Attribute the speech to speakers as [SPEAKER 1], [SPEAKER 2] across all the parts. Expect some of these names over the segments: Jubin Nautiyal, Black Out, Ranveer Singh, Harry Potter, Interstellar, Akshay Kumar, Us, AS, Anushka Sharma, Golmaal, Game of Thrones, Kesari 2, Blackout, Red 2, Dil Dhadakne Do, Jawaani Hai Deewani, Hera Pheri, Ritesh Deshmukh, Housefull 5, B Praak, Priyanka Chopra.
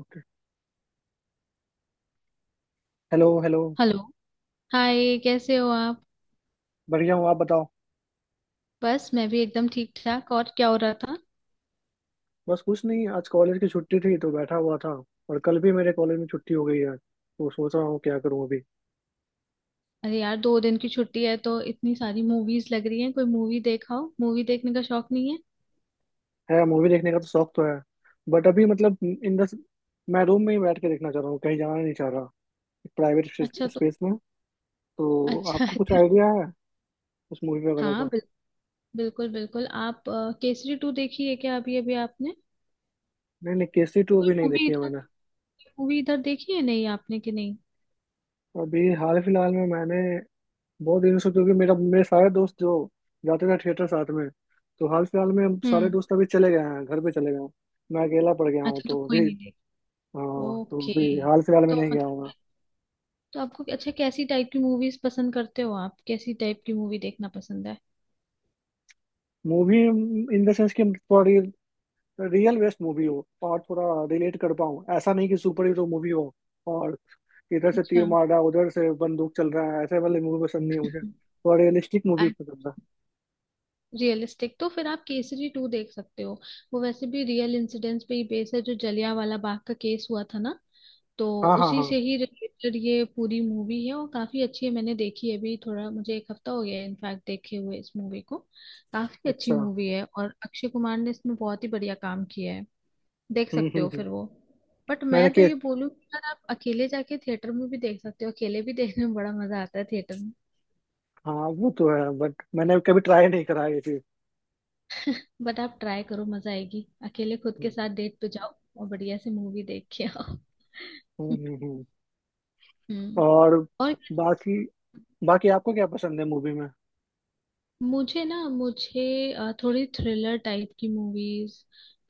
[SPEAKER 1] Okay. Hello hello.
[SPEAKER 2] Hello. Hi, कैसे हो आप?
[SPEAKER 1] बढ़िया हूँ, आप बताओ।
[SPEAKER 2] बस मैं भी एकदम ठीक ठाक। और क्या हो रहा था?
[SPEAKER 1] बस कुछ नहीं, आज कॉलेज की छुट्टी थी तो बैठा हुआ था। और कल भी मेरे कॉलेज में छुट्टी हो गई है तो सोच रहा हूँ क्या करूँ अभी।
[SPEAKER 2] अरे यार, दो दिन की छुट्टी है तो इतनी सारी मूवीज लग रही हैं। कोई मूवी देखाओ। मूवी देखने का शौक नहीं है?
[SPEAKER 1] है, मूवी देखने का तो शौक तो है, बट अभी मतलब इन द मैं रूम में ही बैठ के देखना चाह रहा हूँ, कहीं जाना नहीं चाह रहा। प्राइवेट
[SPEAKER 2] अच्छा। तो
[SPEAKER 1] स्पेस में। तो
[SPEAKER 2] अच्छा
[SPEAKER 1] आपको कुछ
[SPEAKER 2] अच्छा।
[SPEAKER 1] आइडिया है उस मूवी वगैरह
[SPEAKER 2] हाँ
[SPEAKER 1] का?
[SPEAKER 2] बिल, बिल्कुल बिल्कुल। आप केसरी टू देखी है क्या अभी अभी आपने?
[SPEAKER 1] नहीं नहीं, केसी टू
[SPEAKER 2] कोई
[SPEAKER 1] अभी नहीं देखी है मैंने।
[SPEAKER 2] मूवी इधर देखी है नहीं आपने कि नहीं?
[SPEAKER 1] अभी हाल फिलहाल में मैंने बहुत दिनों से क्योंकि मेरा मेरे सारे दोस्त जो जाते थे थिएटर साथ में, तो हाल फिलहाल में हम सारे
[SPEAKER 2] हम्म।
[SPEAKER 1] दोस्त अभी चले गए हैं, घर पे चले गए हैं। मैं अकेला पड़ गया हूँ
[SPEAKER 2] अच्छा, तो
[SPEAKER 1] तो
[SPEAKER 2] कोई
[SPEAKER 1] अभी।
[SPEAKER 2] नहीं देखी।
[SPEAKER 1] हाँ, तो
[SPEAKER 2] ओके।
[SPEAKER 1] अभी हाल फिलहाल में
[SPEAKER 2] तो
[SPEAKER 1] नहीं गया हूँ मैं।
[SPEAKER 2] मतलब तो आपको अच्छा, कैसी टाइप की मूवीज पसंद करते हो आप? कैसी टाइप की मूवी देखना पसंद है?
[SPEAKER 1] मूवी इन द सेंस कि थोड़ा रियल बेस्ड मूवी हो और थोड़ा रिलेट कर पाऊँ। ऐसा नहीं कि सुपर हीरो मूवी हो और इधर से
[SPEAKER 2] अच्छा,
[SPEAKER 1] तीर मार रहा है उधर से बंदूक चल रहा है, ऐसे वाली मूवी पसंद नहीं है मुझे। थोड़ा रियलिस्टिक मूवी पसंद है।
[SPEAKER 2] रियलिस्टिक। तो फिर आप केसरी टू देख सकते हो। वो वैसे भी रियल इंसिडेंट्स पे ही बेस है, जो जलियांवाला बाग का केस हुआ था ना, तो
[SPEAKER 1] हाँ हाँ
[SPEAKER 2] उसी
[SPEAKER 1] हाँ।
[SPEAKER 2] से ही रिलेटेड ये पूरी मूवी है और काफी अच्छी है। मैंने देखी है अभी, थोड़ा मुझे एक हफ्ता हो गया है इनफैक्ट देखे हुए इस मूवी को। काफी अच्छी
[SPEAKER 1] अच्छा।
[SPEAKER 2] मूवी है और अक्षय कुमार ने इसमें बहुत ही बढ़िया काम किया है। देख सकते हो
[SPEAKER 1] हम्म।
[SPEAKER 2] फिर वो। बट
[SPEAKER 1] मैंने
[SPEAKER 2] मैं तो
[SPEAKER 1] के
[SPEAKER 2] ये बोलूँ कि यार, आप अकेले जाके थिएटर में भी देख सकते हो। अकेले भी देखने में बड़ा मजा आता है थिएटर।
[SPEAKER 1] हाँ वो तो है, बट मैंने कभी ट्राई नहीं करा ये चीज।
[SPEAKER 2] बट आप ट्राई करो, मजा आएगी। अकेले खुद के
[SPEAKER 1] हम्म।
[SPEAKER 2] साथ डेट पे जाओ और बढ़िया से मूवी देख के आओ।
[SPEAKER 1] हम्म, हम्म।
[SPEAKER 2] हम्म।
[SPEAKER 1] और
[SPEAKER 2] और
[SPEAKER 1] बाकी, बाकी आपको क्या पसंद है मूवी में?
[SPEAKER 2] मुझे ना, थोड़ी थ्रिलर टाइप की मूवीज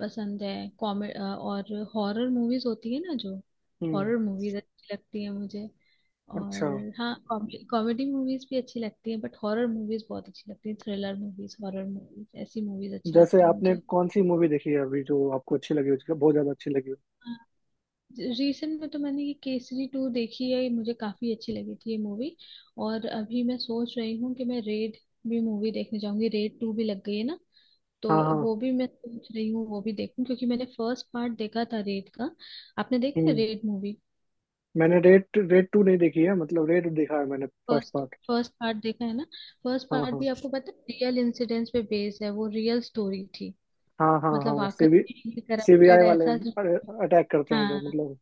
[SPEAKER 2] पसंद है। कॉमेडी और हॉरर मूवीज होती है ना जो,
[SPEAKER 1] हम्म।
[SPEAKER 2] हॉरर मूवीज अच्छी लगती है मुझे।
[SPEAKER 1] अच्छा,
[SPEAKER 2] और हाँ, कॉमेडी मूवीज भी अच्छी लगती है, बट हॉरर मूवीज बहुत अच्छी लगती है। थ्रिलर मूवीज, हॉरर मूवीज, ऐसी मूवीज अच्छी
[SPEAKER 1] जैसे
[SPEAKER 2] लगती है
[SPEAKER 1] आपने
[SPEAKER 2] मुझे।
[SPEAKER 1] कौन सी मूवी देखी है अभी जो आपको अच्छी लगी हो, जो बहुत ज्यादा अच्छी लगी हो?
[SPEAKER 2] रिसेंट में तो मैंने ये केसरी टू देखी है, ये मुझे काफी अच्छी लगी थी ये मूवी। और अभी मैं सोच रही हूँ कि मैं रेड भी मूवी देखने जाऊंगी। रेड टू भी लग गई है ना, तो
[SPEAKER 1] हाँ हाँ।
[SPEAKER 2] वो भी मैं सोच रही हूँ, वो भी देखूं, क्योंकि मैंने फर्स्ट पार्ट देखा था रेड का। आपने देखा है
[SPEAKER 1] हम्म।
[SPEAKER 2] Raid movie?
[SPEAKER 1] मैंने रेड, रेड टू नहीं देखी है, मतलब रेड देखा है मैंने, first
[SPEAKER 2] first
[SPEAKER 1] part.
[SPEAKER 2] First part देखा है ना। फर्स्ट
[SPEAKER 1] हाँ
[SPEAKER 2] पार्ट
[SPEAKER 1] हाँ।
[SPEAKER 2] भी आपको पता है रियल इंसिडेंट्स पे बेस्ड है, वो रियल स्टोरी थी।
[SPEAKER 1] हाँ हाँ
[SPEAKER 2] मतलब
[SPEAKER 1] हाँ, सीबी
[SPEAKER 2] वाकई
[SPEAKER 1] सीबीआई
[SPEAKER 2] करप्टेड
[SPEAKER 1] वाले
[SPEAKER 2] ऐसा।
[SPEAKER 1] अटैक करते हैं जो
[SPEAKER 2] हाँ
[SPEAKER 1] मतलब।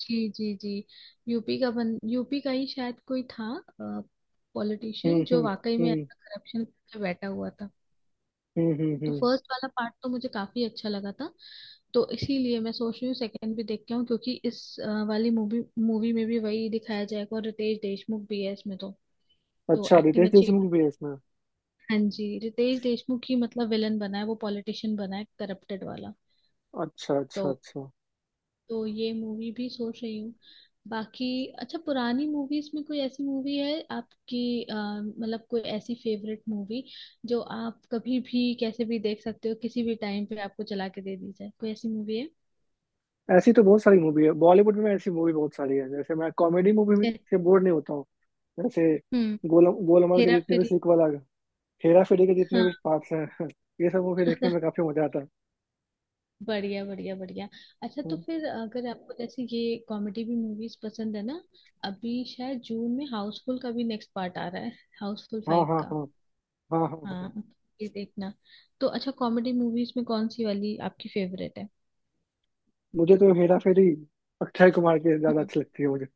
[SPEAKER 2] जी जी जी। यूपी का ही शायद कोई था पॉलिटिशियन जो
[SPEAKER 1] हम्म।
[SPEAKER 2] वाकई में
[SPEAKER 1] हम्म।
[SPEAKER 2] ऐसा करप्शन करके बैठा हुआ था।
[SPEAKER 1] हम्म हम्म
[SPEAKER 2] तो
[SPEAKER 1] हम्म।
[SPEAKER 2] फर्स्ट वाला पार्ट तो मुझे काफी अच्छा लगा था, तो इसीलिए मैं सोच रही हूँ सेकंड भी देख के आऊँ, क्योंकि इस अ, वाली मूवी मूवी में भी वही दिखाया जाएगा और रितेश देशमुख भी है इसमें, तो
[SPEAKER 1] अच्छा,
[SPEAKER 2] एक्टिंग
[SPEAKER 1] रितेश
[SPEAKER 2] अच्छी।
[SPEAKER 1] देशमुख भी है इसमें?
[SPEAKER 2] हाँ जी, रितेश देशमुख ही मतलब विलन बना है, वो पॉलिटिशियन बना है करप्टेड वाला।
[SPEAKER 1] अच्छा अच्छा
[SPEAKER 2] तो
[SPEAKER 1] अच्छा।
[SPEAKER 2] तो ये मूवी भी सोच रही हूँ। बाकी अच्छा, पुरानी मूवीज में कोई ऐसी मूवी है आपकी मतलब कोई ऐसी फेवरेट मूवी जो आप कभी भी कैसे भी देख सकते हो, किसी भी टाइम पे आपको चला के दे दी जाए, कोई ऐसी मूवी है?
[SPEAKER 1] ऐसी तो बहुत सारी मूवी है, बॉलीवुड में ऐसी मूवी बहुत सारी है। जैसे मैं कॉमेडी मूवी
[SPEAKER 2] जै-
[SPEAKER 1] से बोर नहीं होता हूँ। जैसे
[SPEAKER 2] हम्म।
[SPEAKER 1] गोलम गोलमाल के
[SPEAKER 2] हेरा
[SPEAKER 1] जितने भी
[SPEAKER 2] फेरी।
[SPEAKER 1] सीक्वल आ गए, हेरा फेरी के जितने भी
[SPEAKER 2] हाँ।
[SPEAKER 1] पार्ट्स हैं ये सब मूवी देखने में काफी मजा आता है।
[SPEAKER 2] बढ़िया बढ़िया बढ़िया। अच्छा, तो
[SPEAKER 1] हम्म,
[SPEAKER 2] फिर अगर आपको जैसे ये कॉमेडी भी मूवीज पसंद है ना, अभी शायद जून में हाउसफुल का भी नेक्स्ट पार्ट आ रहा है, हाउसफुल
[SPEAKER 1] हाँ
[SPEAKER 2] फाइव
[SPEAKER 1] हाँ
[SPEAKER 2] का।
[SPEAKER 1] हाँ। हाँ हाँ हाँ।
[SPEAKER 2] हाँ, ये देखना। तो अच्छा, कॉमेडी मूवीज में कौन सी वाली आपकी फेवरेट है?
[SPEAKER 1] मुझे तो हेरा फेरी, अक्षय कुमार की ज्यादा
[SPEAKER 2] हम्म।
[SPEAKER 1] अच्छी लगती है मुझे।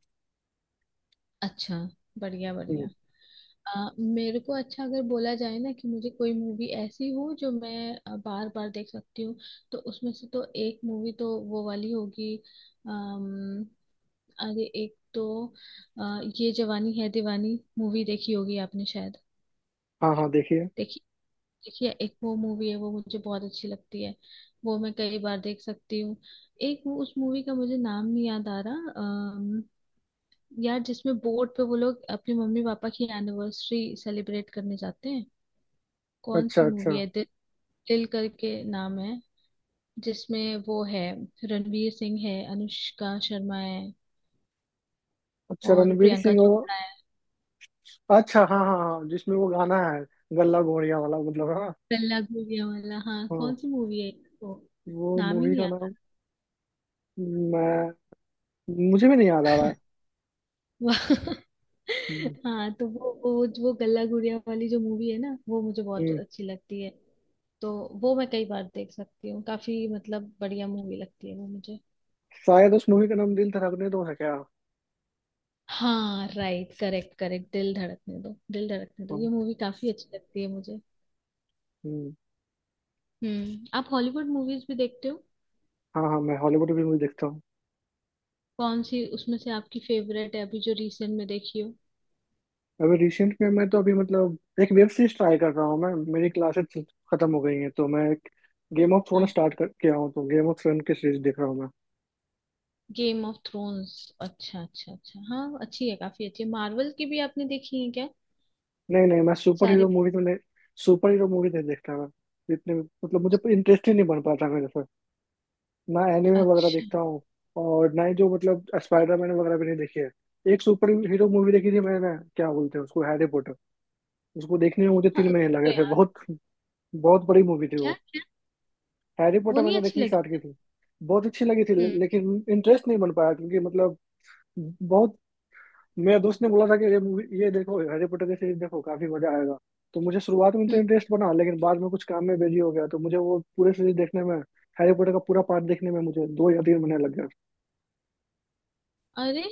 [SPEAKER 2] अच्छा, बढ़िया
[SPEAKER 1] हम्म,
[SPEAKER 2] बढ़िया। मेरे को अच्छा, अगर बोला जाए ना कि मुझे कोई मूवी ऐसी हो जो मैं बार बार देख सकती हूँ, तो उसमें से तो एक मूवी तो वो वाली होगी। अम, अरे, एक तो अ, ये जवानी है दीवानी मूवी देखी होगी आपने शायद।
[SPEAKER 1] हाँ हाँ देखिए।
[SPEAKER 2] देखी। देखिए, एक वो मूवी है, वो मुझे बहुत अच्छी लगती है, वो मैं कई बार देख सकती हूँ। एक वो, उस मूवी का मुझे नाम नहीं याद आ रहा। यार जिसमें बोट पे वो लोग अपने मम्मी पापा की एनिवर्सरी सेलिब्रेट करने जाते हैं। कौन
[SPEAKER 1] अच्छा
[SPEAKER 2] सी
[SPEAKER 1] अच्छा
[SPEAKER 2] मूवी है? दिल करके नाम है जिसमें, वो है रणवीर सिंह है, अनुष्का शर्मा है
[SPEAKER 1] अच्छा
[SPEAKER 2] और
[SPEAKER 1] रणवीर
[SPEAKER 2] प्रियंका
[SPEAKER 1] सिंह और,
[SPEAKER 2] चोपड़ा है।
[SPEAKER 1] अच्छा हाँ हाँ हाँ, जिसमें वो गाना है गल्ला गोरिया वाला, मतलब हाँ।
[SPEAKER 2] गल्ला गुड़िया वाला, हाँ।
[SPEAKER 1] हाँ।
[SPEAKER 2] कौन सी मूवी है वो?
[SPEAKER 1] वो
[SPEAKER 2] नाम ही
[SPEAKER 1] मूवी
[SPEAKER 2] नहीं।
[SPEAKER 1] का नाम, मैं, मुझे भी नहीं याद आ रहा है।
[SPEAKER 2] वाह।
[SPEAKER 1] हम्म,
[SPEAKER 2] हाँ, वो गल्ला गुड़िया वाली जो मूवी है ना, वो मुझे बहुत
[SPEAKER 1] हम्म।
[SPEAKER 2] अच्छी लगती है। तो वो मैं कई बार देख सकती हूँ, काफी मतलब बढ़िया मूवी लगती है वो मुझे।
[SPEAKER 1] शायद उस मूवी का नाम दिल धड़कने दो है क्या?
[SPEAKER 2] हाँ right, correct correct, Dil Dhadakne दो, दिल धड़कने दो।
[SPEAKER 1] हाँ।
[SPEAKER 2] ये मूवी काफी अच्छी लगती है मुझे।
[SPEAKER 1] हम्म,
[SPEAKER 2] हम्म। आप हॉलीवुड मूवीज भी देखते हो?
[SPEAKER 1] हाँ हाँ मैं हॉलीवुड की मूवी देखता हूँ।
[SPEAKER 2] कौन सी उसमें से आपकी फेवरेट है, अभी जो रिसेंट में देखी हो?
[SPEAKER 1] अभी रिसेंट में मैं तो अभी मतलब एक वेब सीरीज ट्राई कर रहा हूँ मैं। मेरी क्लासेस खत्म हो गई हैं तो मैं एक गेम ऑफ थ्रोन
[SPEAKER 2] हाँ।
[SPEAKER 1] स्टार्ट कर किया हूँ, तो गेम ऑफ थ्रोन की सीरीज देख रहा हूँ मैं।
[SPEAKER 2] Game of thrones. अच्छा अच्छा अच्छा, हाँ अच्छी है, काफी अच्छी है। मार्वल की भी आपने देखी है क्या
[SPEAKER 1] नहीं नहीं, मैं सुपर
[SPEAKER 2] सारे?
[SPEAKER 1] हीरो मूवी तो नहीं, सुपर हीरो मूवी नहीं देखता मैं। इतने मतलब मुझे इंटरेस्ट ही नहीं बन पाता मेरे से। ना एनिमे वगैरह
[SPEAKER 2] अच्छा।
[SPEAKER 1] देखता हूँ और ना ही जो मतलब स्पाइडरमैन वगैरह भी नहीं देखी है। एक सुपर हीरो मूवी देखी थी मैंने, क्या बोलते हैं उसको, हैरी, उसको देखने में मुझे
[SPEAKER 2] हाँ
[SPEAKER 1] 3 महीने
[SPEAKER 2] तो
[SPEAKER 1] लगे थे,
[SPEAKER 2] यार,
[SPEAKER 1] बहुत बहुत बड़ी मूवी थी
[SPEAKER 2] क्या
[SPEAKER 1] वो।
[SPEAKER 2] क्या?
[SPEAKER 1] हैरी
[SPEAKER 2] वो
[SPEAKER 1] पॉटर
[SPEAKER 2] नहीं
[SPEAKER 1] मैंने
[SPEAKER 2] अच्छी
[SPEAKER 1] देखनी
[SPEAKER 2] लगी
[SPEAKER 1] स्टार्ट की
[SPEAKER 2] आपको?
[SPEAKER 1] थी। बहुत अच्छी लगी थी
[SPEAKER 2] हम्म।
[SPEAKER 1] लेकिन इंटरेस्ट नहीं बन पाया क्योंकि मतलब बहुत, मेरे दोस्त ने बोला था कि ये मूवी, ये देखो हैरी पॉटर की सीरीज, देखो काफी मजा आएगा। तो मुझे शुरुआत में तो
[SPEAKER 2] हम्म।
[SPEAKER 1] इंटरेस्ट बना लेकिन बाद में कुछ काम में बिजी हो गया, तो मुझे वो पूरे सीरीज देखने में, हैरी पॉटर का पूरा पार्ट देखने में मुझे 2 या 3 महीने लग गए।
[SPEAKER 2] अरे,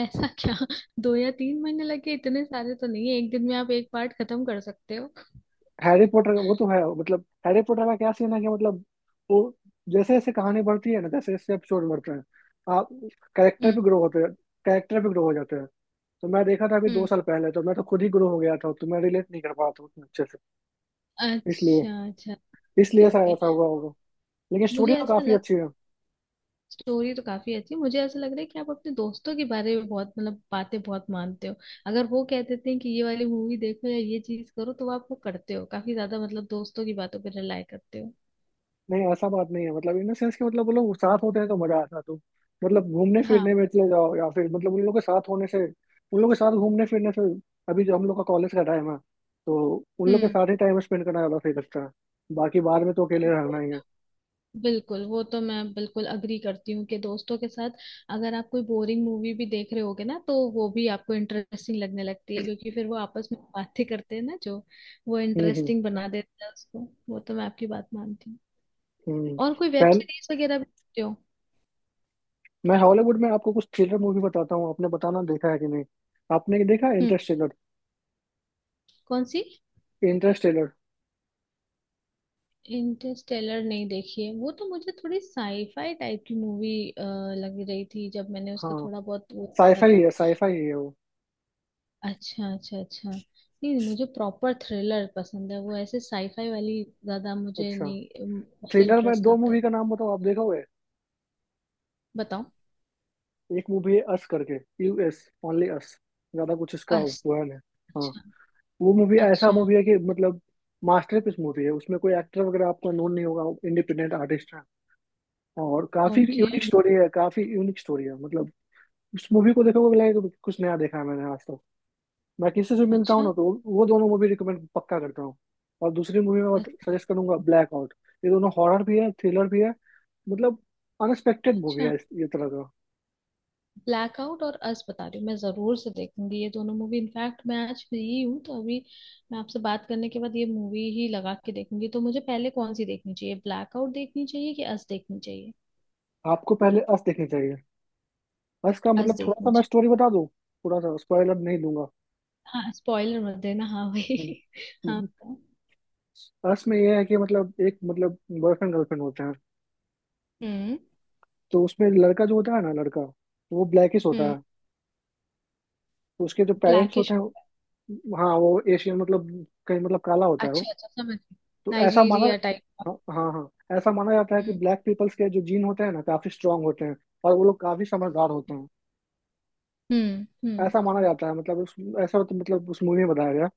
[SPEAKER 2] ऐसा क्या? दो या तीन महीने लगे? इतने सारे तो नहीं है, एक दिन में आप एक पार्ट खत्म कर सकते हो।
[SPEAKER 1] हैरी पॉटर, वो तो है, मतलब हैरी पॉटर का क्या सीन है कि मतलब वो, जैसे जैसे कहानी बढ़ती है ना, जैसे जैसे एपिसोड बढ़ते हैं, आप, कैरेक्टर भी
[SPEAKER 2] हम्म।
[SPEAKER 1] ग्रो होते हैं, कैरेक्टर भी ग्रो हो जाते हैं। तो मैं देखा था अभी दो
[SPEAKER 2] हम्म।
[SPEAKER 1] साल पहले, तो मैं तो खुद ही ग्रो हो गया था, तो मैं रिलेट नहीं कर पाया था उतने अच्छे से।
[SPEAKER 2] अच्छा
[SPEAKER 1] इसलिए,
[SPEAKER 2] अच्छा।
[SPEAKER 1] इसलिए
[SPEAKER 2] ओके
[SPEAKER 1] ऐसा
[SPEAKER 2] ओके।
[SPEAKER 1] ऐसा हुआ होगा। लेकिन
[SPEAKER 2] मुझे
[SPEAKER 1] स्टोरी तो
[SPEAKER 2] ऐसा
[SPEAKER 1] काफी
[SPEAKER 2] लग
[SPEAKER 1] अच्छी है।
[SPEAKER 2] स्टोरी तो काफी अच्छी है। मुझे ऐसा लग रहा है कि आप अपने दोस्तों के बारे में बहुत मतलब बातें बहुत मानते हो। अगर वो कह देते हैं कि ये वाली मूवी देखो या ये चीज करो, तो आप वो करते हो। काफी ज्यादा मतलब दोस्तों की बातों पर रिलाई करते हो।
[SPEAKER 1] नहीं ऐसा बात नहीं है, मतलब इन द सेंस कि मतलब वो लोग साथ होते हैं तो मजा आता है। तो मतलब घूमने
[SPEAKER 2] हाँ।
[SPEAKER 1] फिरने में चले जाओ या फिर मतलब उन लोगों के साथ होने से, उन लोगों के साथ घूमने फिरने से, अभी जो हम लोग का कॉलेज का टाइम है तो उन लोग के
[SPEAKER 2] हम्म।
[SPEAKER 1] साथ ही टाइम स्पेंड करना ज्यादा सही लगता है। बाकी बाद में तो अकेले रहना ही है।
[SPEAKER 2] बिल्कुल, वो तो मैं बिल्कुल अग्री करती हूँ कि दोस्तों के साथ अगर आप कोई बोरिंग मूवी भी देख रहे होगे ना, तो वो भी आपको इंटरेस्टिंग लगने लगती है, क्योंकि फिर वो आपस में बातें करते हैं ना, जो वो
[SPEAKER 1] हम्म
[SPEAKER 2] इंटरेस्टिंग बना देता है उसको। वो तो मैं आपकी बात मानती हूँ।
[SPEAKER 1] हम्म हम्म।
[SPEAKER 2] और कोई वेब
[SPEAKER 1] पहले
[SPEAKER 2] सीरीज वगैरह भी देखते हो?
[SPEAKER 1] मैं हॉलीवुड में आपको कुछ थ्रिलर मूवी बताता हूँ, आपने बताना देखा है कि नहीं। आपने देखा
[SPEAKER 2] हम्म।
[SPEAKER 1] इंटरस्टेलर?
[SPEAKER 2] कौन सी?
[SPEAKER 1] इंटरस्टेलर।
[SPEAKER 2] इंटरस्टेलर नहीं देखी है। वो तो मुझे थोड़ी साईफाई टाइप की मूवी लग रही थी जब मैंने उसका
[SPEAKER 1] हाँ,
[SPEAKER 2] थोड़ा बहुत वो
[SPEAKER 1] साईफाई
[SPEAKER 2] देखा।
[SPEAKER 1] है, साईफाई है वो।
[SPEAKER 2] अच्छा अच्छा अच्छा, नहीं मुझे प्रॉपर थ्रिलर पसंद है। वो ऐसे साईफाई वाली ज्यादा मुझे
[SPEAKER 1] अच्छा।
[SPEAKER 2] नहीं मुझे
[SPEAKER 1] थ्रिलर में
[SPEAKER 2] इंटरेस्ट
[SPEAKER 1] दो
[SPEAKER 2] आता
[SPEAKER 1] मूवी
[SPEAKER 2] है।
[SPEAKER 1] का नाम बताओ, आप देखोगे।
[SPEAKER 2] बताओ।
[SPEAKER 1] एक मूवी है अस करके, यूएस, ओनली अस। ज्यादा कुछ इसका
[SPEAKER 2] अस-
[SPEAKER 1] बयान है। हाँ।
[SPEAKER 2] अच्छा।
[SPEAKER 1] वो मूवी ऐसा
[SPEAKER 2] अच्छा।
[SPEAKER 1] मूवी है कि मतलब मास्टरपीस मूवी है। उसमें कोई एक्टर वगैरह आपको नोन नहीं होगा, इंडिपेंडेंट आर्टिस्ट है, और काफी
[SPEAKER 2] ओके।
[SPEAKER 1] यूनिक स्टोरी है, काफी यूनिक स्टोरी है। मतलब उस मूवी को देखोगे, लगेगा कि कुछ नया देखा है मैंने आज तक। मैं किसी से मिलता हूँ ना,
[SPEAKER 2] अच्छा।
[SPEAKER 1] तो वो दोनों मूवी रिकमेंड पक्का करता हूँ। और दूसरी मूवी मैं
[SPEAKER 2] अ-
[SPEAKER 1] सजेस्ट करूंगा ब्लैक आउट। ये दोनों हॉरर भी है, थ्रिलर भी है। मतलब अनएक्सपेक्टेड मूवी
[SPEAKER 2] अच्छा।
[SPEAKER 1] है इस ये तरह का।
[SPEAKER 2] ब्लैकआउट और अस, बता रही हूँ मैं जरूर से देखूंगी ये दोनों मूवी। इनफैक्ट मैं आज फ्री हूँ, तो अभी मैं आपसे बात करने के बाद ये मूवी ही लगा के देखूंगी। तो मुझे पहले कौन सी देखनी चाहिए, ब्लैकआउट देखनी चाहिए कि अस देखनी चाहिए?
[SPEAKER 1] आपको पहले अस देखनी चाहिए। अस का
[SPEAKER 2] अस
[SPEAKER 1] मतलब थोड़ा सा
[SPEAKER 2] देखनी
[SPEAKER 1] मैं
[SPEAKER 2] चाहिए।
[SPEAKER 1] स्टोरी बता दूं, थोड़ा सा स्पॉइलर नहीं दूंगा।
[SPEAKER 2] हाँ, स्पॉइलर मत देना, हाँ वही।
[SPEAKER 1] हम्म,
[SPEAKER 2] हाँ
[SPEAKER 1] हम्म।
[SPEAKER 2] बताओ।
[SPEAKER 1] अस में यह है कि मतलब एक मतलब बॉयफ्रेंड गर्लफ्रेंड होते हैं।
[SPEAKER 2] हम्म।
[SPEAKER 1] तो उसमें लड़का जो होता है ना, लड़का वो ब्लैकिश होता
[SPEAKER 2] हम्म।
[SPEAKER 1] है। तो उसके जो पेरेंट्स होते
[SPEAKER 2] ब्लैकिश
[SPEAKER 1] हैं,
[SPEAKER 2] होता
[SPEAKER 1] हाँ वो एशियन, मतलब कहीं मतलब काला होता
[SPEAKER 2] है?
[SPEAKER 1] है वो।
[SPEAKER 2] अच्छा अच्छा, समझ गई।
[SPEAKER 1] तो ऐसा माना,
[SPEAKER 2] नाइजीरिया टाइप का।
[SPEAKER 1] हाँ हाँ हाँ, ऐसा माना जाता है कि
[SPEAKER 2] हम्म
[SPEAKER 1] ब्लैक पीपल्स के जो जीन होते हैं ना, काफी स्ट्रांग होते हैं और वो लोग काफी समझदार होते हैं।
[SPEAKER 2] हम्म।
[SPEAKER 1] ऐसा माना जाता है, मतलब उस, मतलब उस मूवी में बताया गया।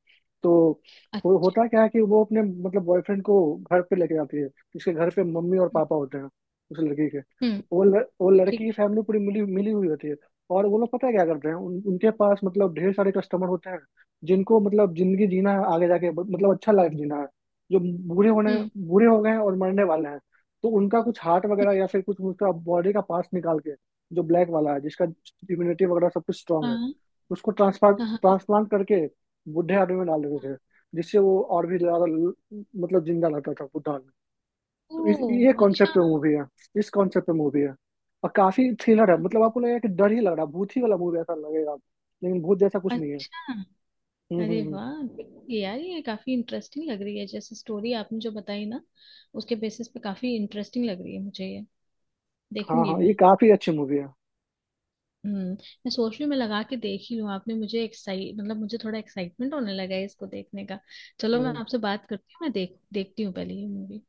[SPEAKER 1] तो वो
[SPEAKER 2] अच्छा।
[SPEAKER 1] होता क्या है कि वो अपने मतलब बॉयफ्रेंड को घर पे लेके जाती है। उसके घर पे मम्मी और
[SPEAKER 2] हम्म।
[SPEAKER 1] पापा होते हैं, उस लड़की के।
[SPEAKER 2] हम्म,
[SPEAKER 1] वो लड़की
[SPEAKER 2] ठीक
[SPEAKER 1] की
[SPEAKER 2] है।
[SPEAKER 1] फैमिली पूरी मिली मिली हुई होती है। और वो लोग पता है क्या करते हैं, उनके पास मतलब ढेर सारे कस्टमर होते हैं, जिनको मतलब जिंदगी जीना है आगे जाके, मतलब अच्छा लाइफ जीना है, जो बूढ़े होने
[SPEAKER 2] हम्म।
[SPEAKER 1] बूढ़े हो गए हैं और मरने वाले हैं। तो उनका कुछ हार्ट वगैरह
[SPEAKER 2] हम्म,
[SPEAKER 1] या फिर कुछ उसका बॉडी का पार्ट निकाल के, जो ब्लैक वाला है, जिसका इम्यूनिटी वगैरह सब कुछ स्ट्रांग है,
[SPEAKER 2] हाँ
[SPEAKER 1] उसको ट्रांसप्लांट,
[SPEAKER 2] हाँ हाँ हाँ।
[SPEAKER 1] ट्रांसप्लांट करके बुढ़े आदमी में डाल देते थे, जिससे वो और भी ज्यादा मतलब जिंदा रहता था बुढ़ा आदमी। तो इस ये
[SPEAKER 2] ओ
[SPEAKER 1] कॉन्सेप्ट
[SPEAKER 2] अच्छा।
[SPEAKER 1] पे मूवी है, इस कॉन्सेप्ट पे मूवी है। और काफी थ्रिलर है, मतलब आपको लगेगा कि डर ही लग रहा है, भूत ही वाला मूवी ऐसा लगेगा, लेकिन भूत जैसा कुछ नहीं है।
[SPEAKER 2] अच्छा।
[SPEAKER 1] हम्म हम्म
[SPEAKER 2] अरे
[SPEAKER 1] हम्म।
[SPEAKER 2] वाह, ये यार ये काफी इंटरेस्टिंग लग रही है। जैसे स्टोरी आपने जो बताई ना, उसके बेसिस पे काफी इंटरेस्टिंग लग रही है मुझे ये।
[SPEAKER 1] हाँ
[SPEAKER 2] देखूंगी
[SPEAKER 1] हाँ,
[SPEAKER 2] मैं।
[SPEAKER 1] ये काफी अच्छी मूवी है।
[SPEAKER 2] हम्म। मैं सोच रही हूँ मैं लगा के देख ही लूँ। आपने मुझे एक्साइट मतलब मुझे थोड़ा एक्साइटमेंट होने लगा है इसको देखने का। चलो, मैं
[SPEAKER 1] हम्म
[SPEAKER 2] आपसे बात करती हूँ। मैं देख देखती हूँ पहले ये मूवी।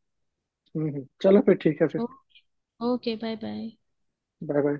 [SPEAKER 1] चलो फिर ठीक है फिर।
[SPEAKER 2] ओ- okay, bye bye.
[SPEAKER 1] Bye bye.